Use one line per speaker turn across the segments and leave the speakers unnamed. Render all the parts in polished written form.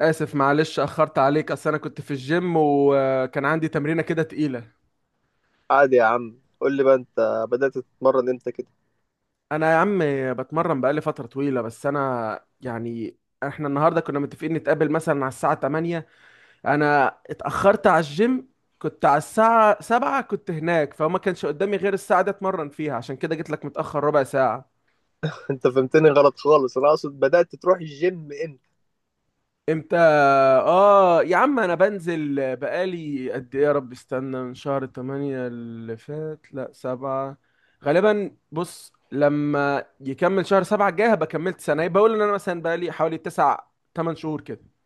اسف معلش اخرت عليك. اصل انا كنت في الجيم وكان عندي تمرينه كده تقيله.
عادي يا عم، قول لي بقى، انت بدأت تتمرن امتى كده؟
انا يا عم بتمرن بقالي فتره طويله، بس انا احنا النهارده كنا متفقين نتقابل مثلا على الساعه 8. انا اتاخرت على الجيم، كنت على الساعه 7 كنت هناك، فما كانش قدامي غير الساعه دي اتمرن فيها، عشان كده جيت لك متاخر ربع ساعه.
انت فهمتني غلط خالص. انا اقصد بدأت تروح الجيم امتى؟
امتى؟ اه يا عم انا بنزل بقالي قد ايه، يا رب استنى، من شهر 8 اللي فات، لا سبعة غالبا. بص، لما يكمل شهر سبعة الجاي هبقى كملت سنة، يبقى اقول ان انا مثلا بقالي حوالي تسع، تمن شهور كده.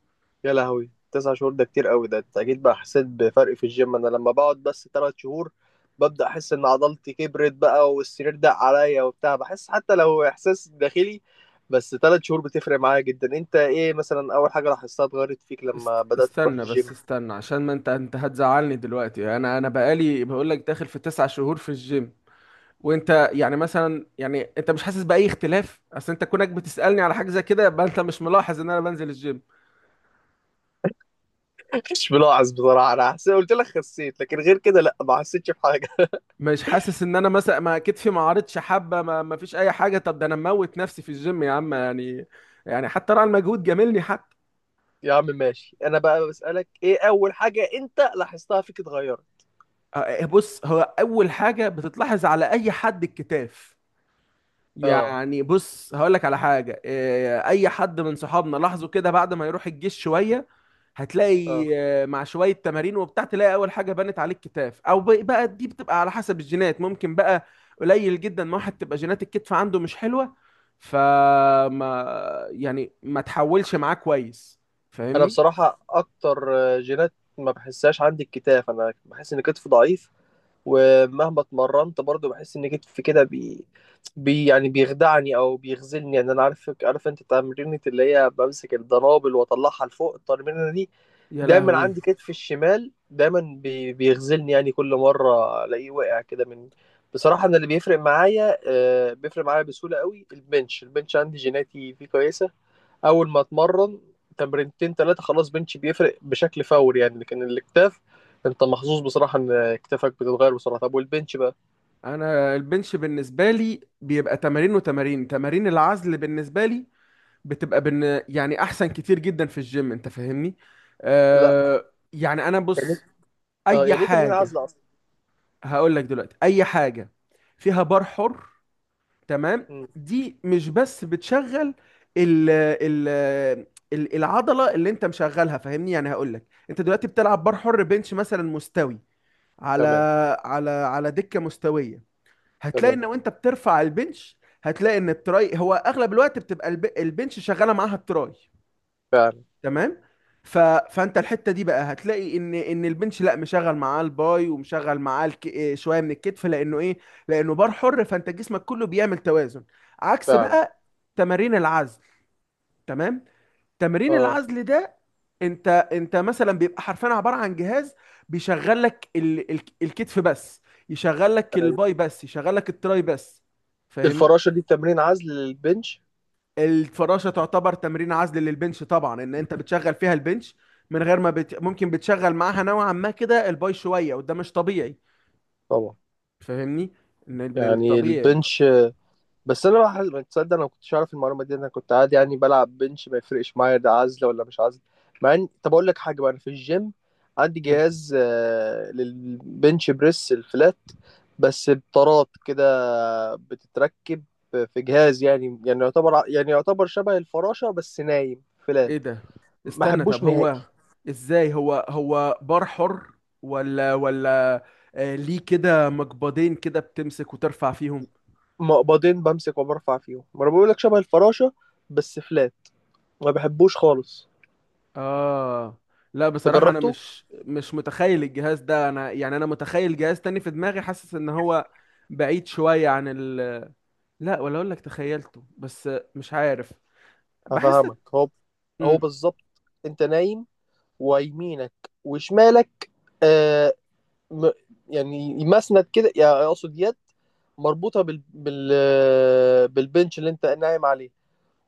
يا لهوي، تسع شهور؟ ده كتير قوي. ده انت اكيد بقى حسيت بفرق في الجيم. انا لما بقعد بس تلات شهور ببدأ احس ان عضلتي كبرت بقى، والسرير دق عليا وبتاع. بحس حتى لو احساس داخلي، بس تلات شهور بتفرق معايا جدا. انت ايه مثلا اول حاجة لاحظتها اتغيرت فيك لما بدأت تروح
استنى بس
الجيم؟
استنى، عشان ما انت هتزعلني دلوقتي، انا بقالي بقول لك داخل في تسع شهور في الجيم، وانت يعني مثلا يعني انت مش حاسس باي اختلاف؟ اصل انت كونك بتسألني على حاجة زي كده يبقى انت مش ملاحظ ان انا بنزل الجيم.
مش ملاحظ بصراحة. انا حسيت، قلت لك خسيت، لكن غير كده لا، ما حسيتش بحاجة.
مش حاسس ان انا مثلا ما كتفي ما عارضش حبه، ما فيش اي حاجه؟ طب ده انا مموت نفسي في الجيم يا عم، يعني يعني حتى راعي المجهود جاملني حتى.
يا عم ماشي، انا بقى بسألك ايه اول حاجة انت لاحظتها فيك اتغيرت.
بص، هو اول حاجه بتتلاحظ على اي حد الكتاف.
اه
يعني بص هقول لك على حاجه، اي حد من صحابنا لاحظوا كده بعد ما يروح الجيش شويه
اه،
هتلاقي، مع شوية تمارين وبتاع تلاقي أول حاجة بنت عليك كتاف، أو بقى دي بتبقى على حسب الجينات. ممكن بقى قليل جدا ما واحد تبقى جينات الكتف عنده مش حلوة فما يعني ما تحولش معاه كويس.
انا
فاهمني؟
بصراحة اكتر جينات ما بحسهاش عندي الكتاف. انا بحس ان كتفي ضعيف، ومهما اتمرنت برضو بحس ان كتفي كده بي يعني بيخدعني او بيخذلني. يعني انا عارف، عارف انت تمرينة اللي هي بمسك الدنابل واطلعها لفوق، التمرينة دي
يا
دايما
لهوي.
عندي كتفي الشمال دايما بيغزلني، يعني كل مرة الاقيه واقع كده من. بصراحة انا اللي بيفرق معايا بيفرق معايا بسهولة قوي البنش. البنش عندي جيناتي فيه كويسة. اول ما اتمرن تمرينتين ثلاثة خلاص بنش بيفرق بشكل فوري يعني. لكن الاكتاف، انت محظوظ بصراحة ان اكتافك بتتغير بسرعة. طب والبنش بقى؟
أنا البنش بالنسبة لي بيبقى تمارين، وتمارين تمارين العزل بالنسبة لي يعني أحسن كتير جدا في الجيم. أنت فاهمني؟
لا،
أه يعني أنا
يعني
بص
اه،
أي
يعني ايه تمرين
حاجة.
عزل اصلا؟
هقول لك دلوقتي اي حاجه فيها بار حر، تمام،
مم،
دي مش بس بتشغل ال- ال- العضله اللي انت مشغلها، فاهمني. يعني هقول لك انت دلوقتي بتلعب بار حر بنش مثلا مستوي، على
تمام.
على دكه مستويه، هتلاقي
تمام.
ان وانت بترفع البنش هتلاقي ان التراي هو اغلب الوقت بتبقى البنش شغاله معاها التراي،
فعلا.
تمام. ف... فانت الحته دي بقى هتلاقي ان البنش لا مشغل معاه الباي ومشغل معاه إيه شويه من الكتف، لانه ايه، لانه بار حر، فانت جسمك كله بيعمل توازن عكس
فعلا.
بقى تمارين العزل. تمام. تمرين
اه.
العزل ده انت مثلا بيبقى حرفيا عباره عن جهاز بيشغل لك الكتف بس، يشغل لك
أيوة.
الباي بس، يشغل لك التراي بس. فاهمني؟
الفراشة دي تمرين عزل للبنش؟
الفراشه تعتبر تمرين عزل للبنش، طبعا ان انت بتشغل فيها البنش من غير ما ممكن بتشغل معاها نوعا ما كده الباي شويه، وده مش طبيعي،
طبعا.
فاهمني. ان ال-
يعني
الطبيعي.
البنش، بس انا بقى ما تصدق، انا ما كنتش اعرف المعلومه دي. انا كنت عادي يعني بلعب بنش ما يفرقش معايا ده عزله ولا مش عزله. مع ان، طب اقول لك حاجه بقى، انا في الجيم عندي
مم.
جهاز للبنش بريس الفلات، بس بطارات كده بتتركب في جهاز، يعني يعتبر يعني يعتبر شبه الفراشه بس نايم فلات.
ايه ده؟
ما
استنى، طب
احبوش نهائي.
هو ازاي؟ هو هو بار حر، ولا آه ليه كده مقبضين كده بتمسك وترفع فيهم؟
مقبضين بمسك وبرفع فيهم، ما انا بقول لك شبه الفراشه بس فلات. ما بحبوش خالص.
اه، لا بصراحة انا
تجربته.
مش متخيل الجهاز ده. انا يعني انا متخيل جهاز تاني في دماغي، حاسس ان هو بعيد شوية عن ال، لا ولا اقول لك تخيلته، بس مش عارف، بحس.
هفهمك، هو هو
مم.
بالظبط انت نايم، ويمينك وشمالك آه م يعني مسند كده، يعني اقصد يد مربوطه بال بالبنش اللي انت نايم عليه،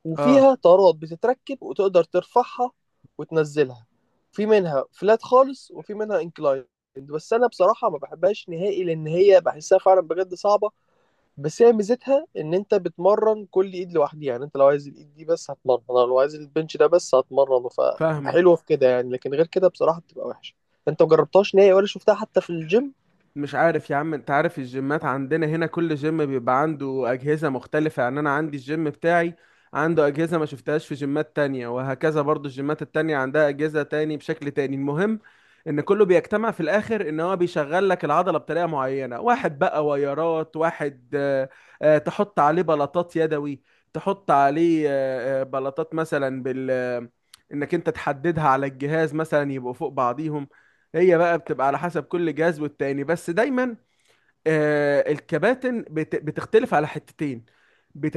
وفيها
اه.
طارات بتتركب وتقدر ترفعها وتنزلها. في منها فلات خالص وفي منها انكلاين، بس انا بصراحه ما بحبهاش نهائي، لان هي بحسها فعلا بجد صعبه. بس هي ميزتها ان انت بتمرن كل ايد لوحدها. يعني انت لو عايز الايد دي بس هتمرن، لو عايز البنش ده بس هتمرنه،
فاهمك.
فحلوه في كده يعني. لكن غير كده بصراحه بتبقى وحشه. انت مجربتهاش نهائي ولا شفتها حتى في الجيم؟
مش عارف يا عم، انت عارف الجيمات عندنا هنا كل جيم بيبقى عنده اجهزة مختلفة، يعني انا عندي الجيم بتاعي عنده اجهزة ما شفتهاش في جيمات تانية، وهكذا برضو الجيمات التانية عندها اجهزة تاني بشكل تاني. المهم ان كله بيجتمع في الاخر ان هو بيشغل لك العضلة بطريقة معينة. واحد بقى ويرات، واحد تحط عليه بلاطات يدوي، تحط عليه بلاطات مثلا بال آه، انك انت تحددها على الجهاز مثلا يبقوا فوق بعضيهم. هي بقى بتبقى على حسب كل جهاز والتاني، بس دايما آه الكباتن بتختلف على حتتين.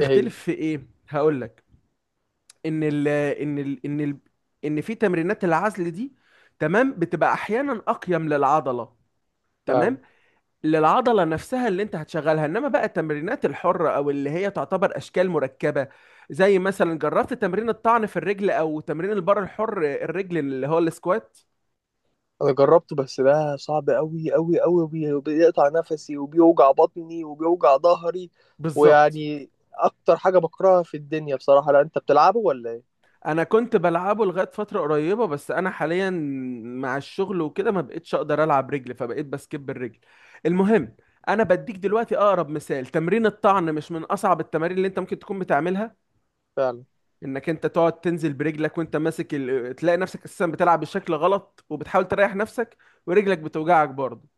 ايه هي؟
في ايه؟ هقول لك. ان ال ان ال ان ال ان في تمرينات العزل دي، تمام، بتبقى احيانا اقيم للعضله، تمام،
فعلا.
للعضله نفسها اللي انت هتشغلها. انما بقى التمرينات الحره، او اللي هي تعتبر اشكال مركبه، زي مثلا جربت تمرين الطعن في الرجل، او تمرين البار الحر الرجل اللي هو السكوات.
انا جربته، بس ده صعب قوي قوي قوي، وبيقطع نفسي وبيوجع بطني وبيوجع ظهري،
بالظبط.
ويعني اكتر حاجه بكرهها في الدنيا بصراحه. لا انت بتلعبه ولا ايه؟
انا كنت بلعبه لغايه فتره قريبه، بس انا حاليا مع الشغل وكده ما بقتش اقدر العب رجل، فبقيت بسكيب الرجل. المهم، انا بديك دلوقتي اقرب مثال. تمرين الطعن مش من اصعب التمارين اللي انت ممكن تكون بتعملها،
فعلا.
انك انت تقعد تنزل برجلك وانت ماسك تلاقي نفسك اساسا بتلعب بشكل غلط، وبتحاول تريح نفسك، ورجلك بتوجعك برضه.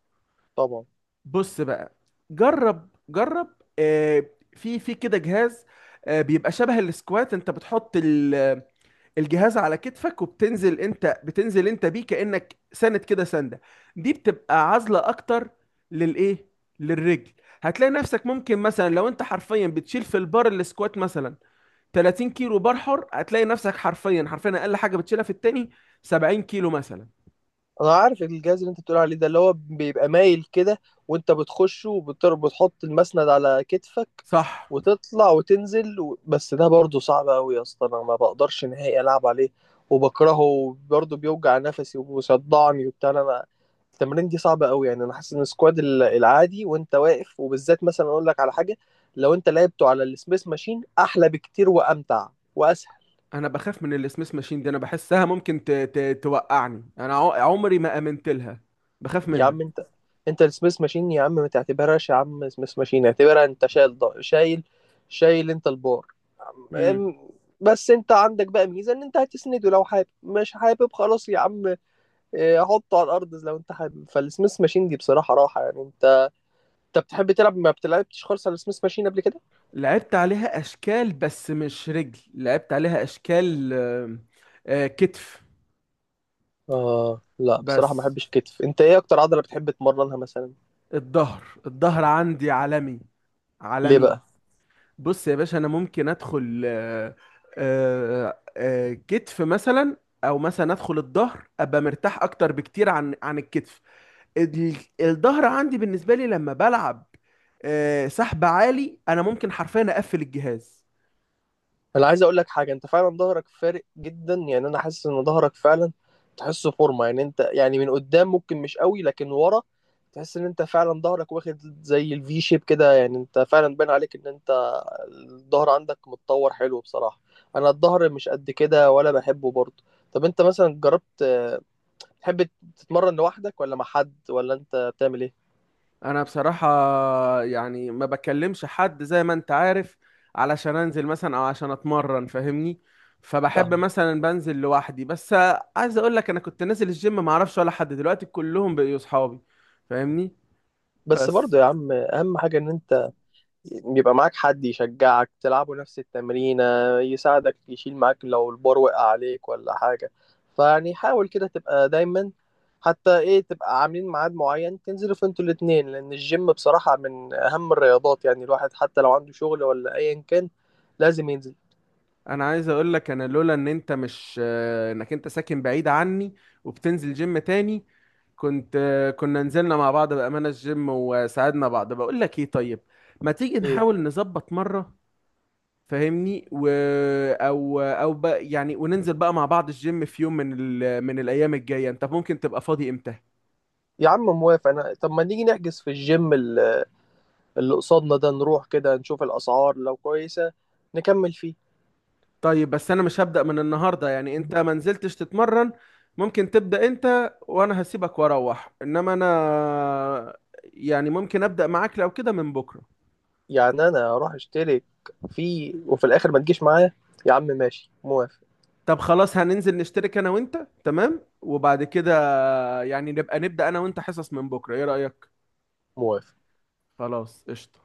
طبعا.
بص بقى، جرب، آه، في في كده جهاز، بيبقى شبه السكوات، انت بتحط الجهاز على كتفك وبتنزل، انت بتنزل انت بيه كأنك سند كده سندة، دي بتبقى عازلة اكتر للايه، للرجل. هتلاقي نفسك ممكن مثلا لو انت حرفيا بتشيل في البار السكوات مثلا 30 كيلو بار حر، هتلاقي نفسك حرفيا حرفيا اقل حاجة بتشيلها في التاني 70 كيلو مثلا.
انا عارف الجهاز اللي انت بتقول عليه ده، اللي هو بيبقى مايل كده، وانت بتخشه وبتحط المسند على كتفك
صح.
وتطلع وتنزل و... بس ده برضه صعب قوي يا اسطى. انا ما بقدرش نهائي العب عليه وبكرهه برضه، بيوجع نفسي وبيصدعني وبتاع. انا التمرين دي صعبة قوي. يعني انا حاسس ان السكواد العادي وانت واقف، وبالذات مثلا اقول لك على حاجة، لو انت لعبته على السميث ماشين احلى بكتير وامتع واسهل.
انا بخاف من السميث ماشين دي، انا بحسها ممكن توقعني. انا عمري ما امنت لها، بخاف
يا عم انت السميث ماشين يا عم ما تعتبرهاش يا عم. سميث ماشين اعتبرها انت شايل شايل، شايل انت البار.
منها.
ام- بس انت عندك بقى ميزه ان انت هتسنده لو حابب، مش حابب خلاص يا عم، اه، حطه على الارض لو انت حابب. فالسميث ماشين دي بصراحه راحه يعني. انت انت بتحب تلعب، ما بتلعبتش خالص على السميث ماشين قبل كده؟
لعبت عليها اشكال بس مش رجل، لعبت عليها اشكال، كتف
اه لا بصراحه ما
بس.
بحبش الكتف. انت ايه اكتر عضله بتحب تمرنها مثلا؟
الظهر، الظهر عندي عالمي،
ليه
عالمي.
بقى؟
بص يا باشا، انا ممكن ادخل كتف مثلا، او مثلا ادخل الظهر ابقى مرتاح اكتر بكتير عن الكتف. ال- الظهر عندي بالنسبه لي لما بلعب سحب عالي، انا ممكن حرفيا اقفل الجهاز.
انا عايز اقول لك حاجه، انت فعلا ظهرك فارق جدا. يعني انا حاسس ان ظهرك فعلا تحسه فورمه. يعني انت يعني من قدام ممكن مش قوي، لكن ورا تحس ان انت فعلا ظهرك واخد زي الفي شيب كده. يعني انت فعلا باين عليك ان انت الظهر عندك متطور حلو بصراحه. انا الظهر مش قد كده ولا بحبه برضه. طب انت مثلا جربت تحب تتمرن لوحدك ولا مع حد، ولا انت بتعمل ايه؟
انا بصراحة يعني ما بكلمش حد زي ما انت عارف علشان انزل مثلا او عشان اتمرن، فاهمني، فبحب
فاهم.
مثلا بنزل لوحدي بس. عايز اقول لك، انا كنت نازل الجيم ما اعرفش ولا حد، دلوقتي كلهم بقوا اصحابي، فاهمني.
بس
بس
برضه يا عم اهم حاجه ان انت يبقى معاك حد يشجعك، تلعبوا نفس التمرينة، يساعدك يشيل معاك لو البار وقع عليك ولا حاجة. فيعني حاول كده تبقى دايما، حتى ايه، تبقى عاملين ميعاد معين تنزلوا فيه انتوا الاتنين، لأن الجيم بصراحة من أهم الرياضات. يعني الواحد حتى لو عنده شغل ولا أيا كان لازم ينزل.
انا عايز اقول لك، انا لولا ان انت مش، انك انت ساكن بعيد عني وبتنزل جيم تاني، كنت، كنا نزلنا مع بعض بأمانة الجيم وساعدنا بعض. بقول لك ايه، طيب ما تيجي
ايه
نحاول نظبط مرة، فاهمني، و او او بقى يعني وننزل بقى مع بعض الجيم في يوم من من الايام الجايه. انت ممكن تبقى فاضي امتى؟
يا عم، موافق أنا. طب ما نيجي نحجز في الجيم اللي قصادنا ده، نروح كده نشوف الأسعار، لو كويسة نكمل فيه.
طيب، بس انا مش هبدأ من النهارده، يعني انت ما نزلتش تتمرن ممكن تبدأ انت وانا هسيبك واروح، انما انا يعني ممكن أبدأ معاك لو كده من بكره.
يعني انا اروح اشترك فيه وفي الاخر ما تجيش معايا؟ يا عم ماشي، موافق،
طب خلاص، هننزل نشترك انا وانت، تمام، وبعد كده يعني نبقى نبدأ انا وانت حصص من بكره، ايه رأيك؟
موافق.
خلاص قشطة.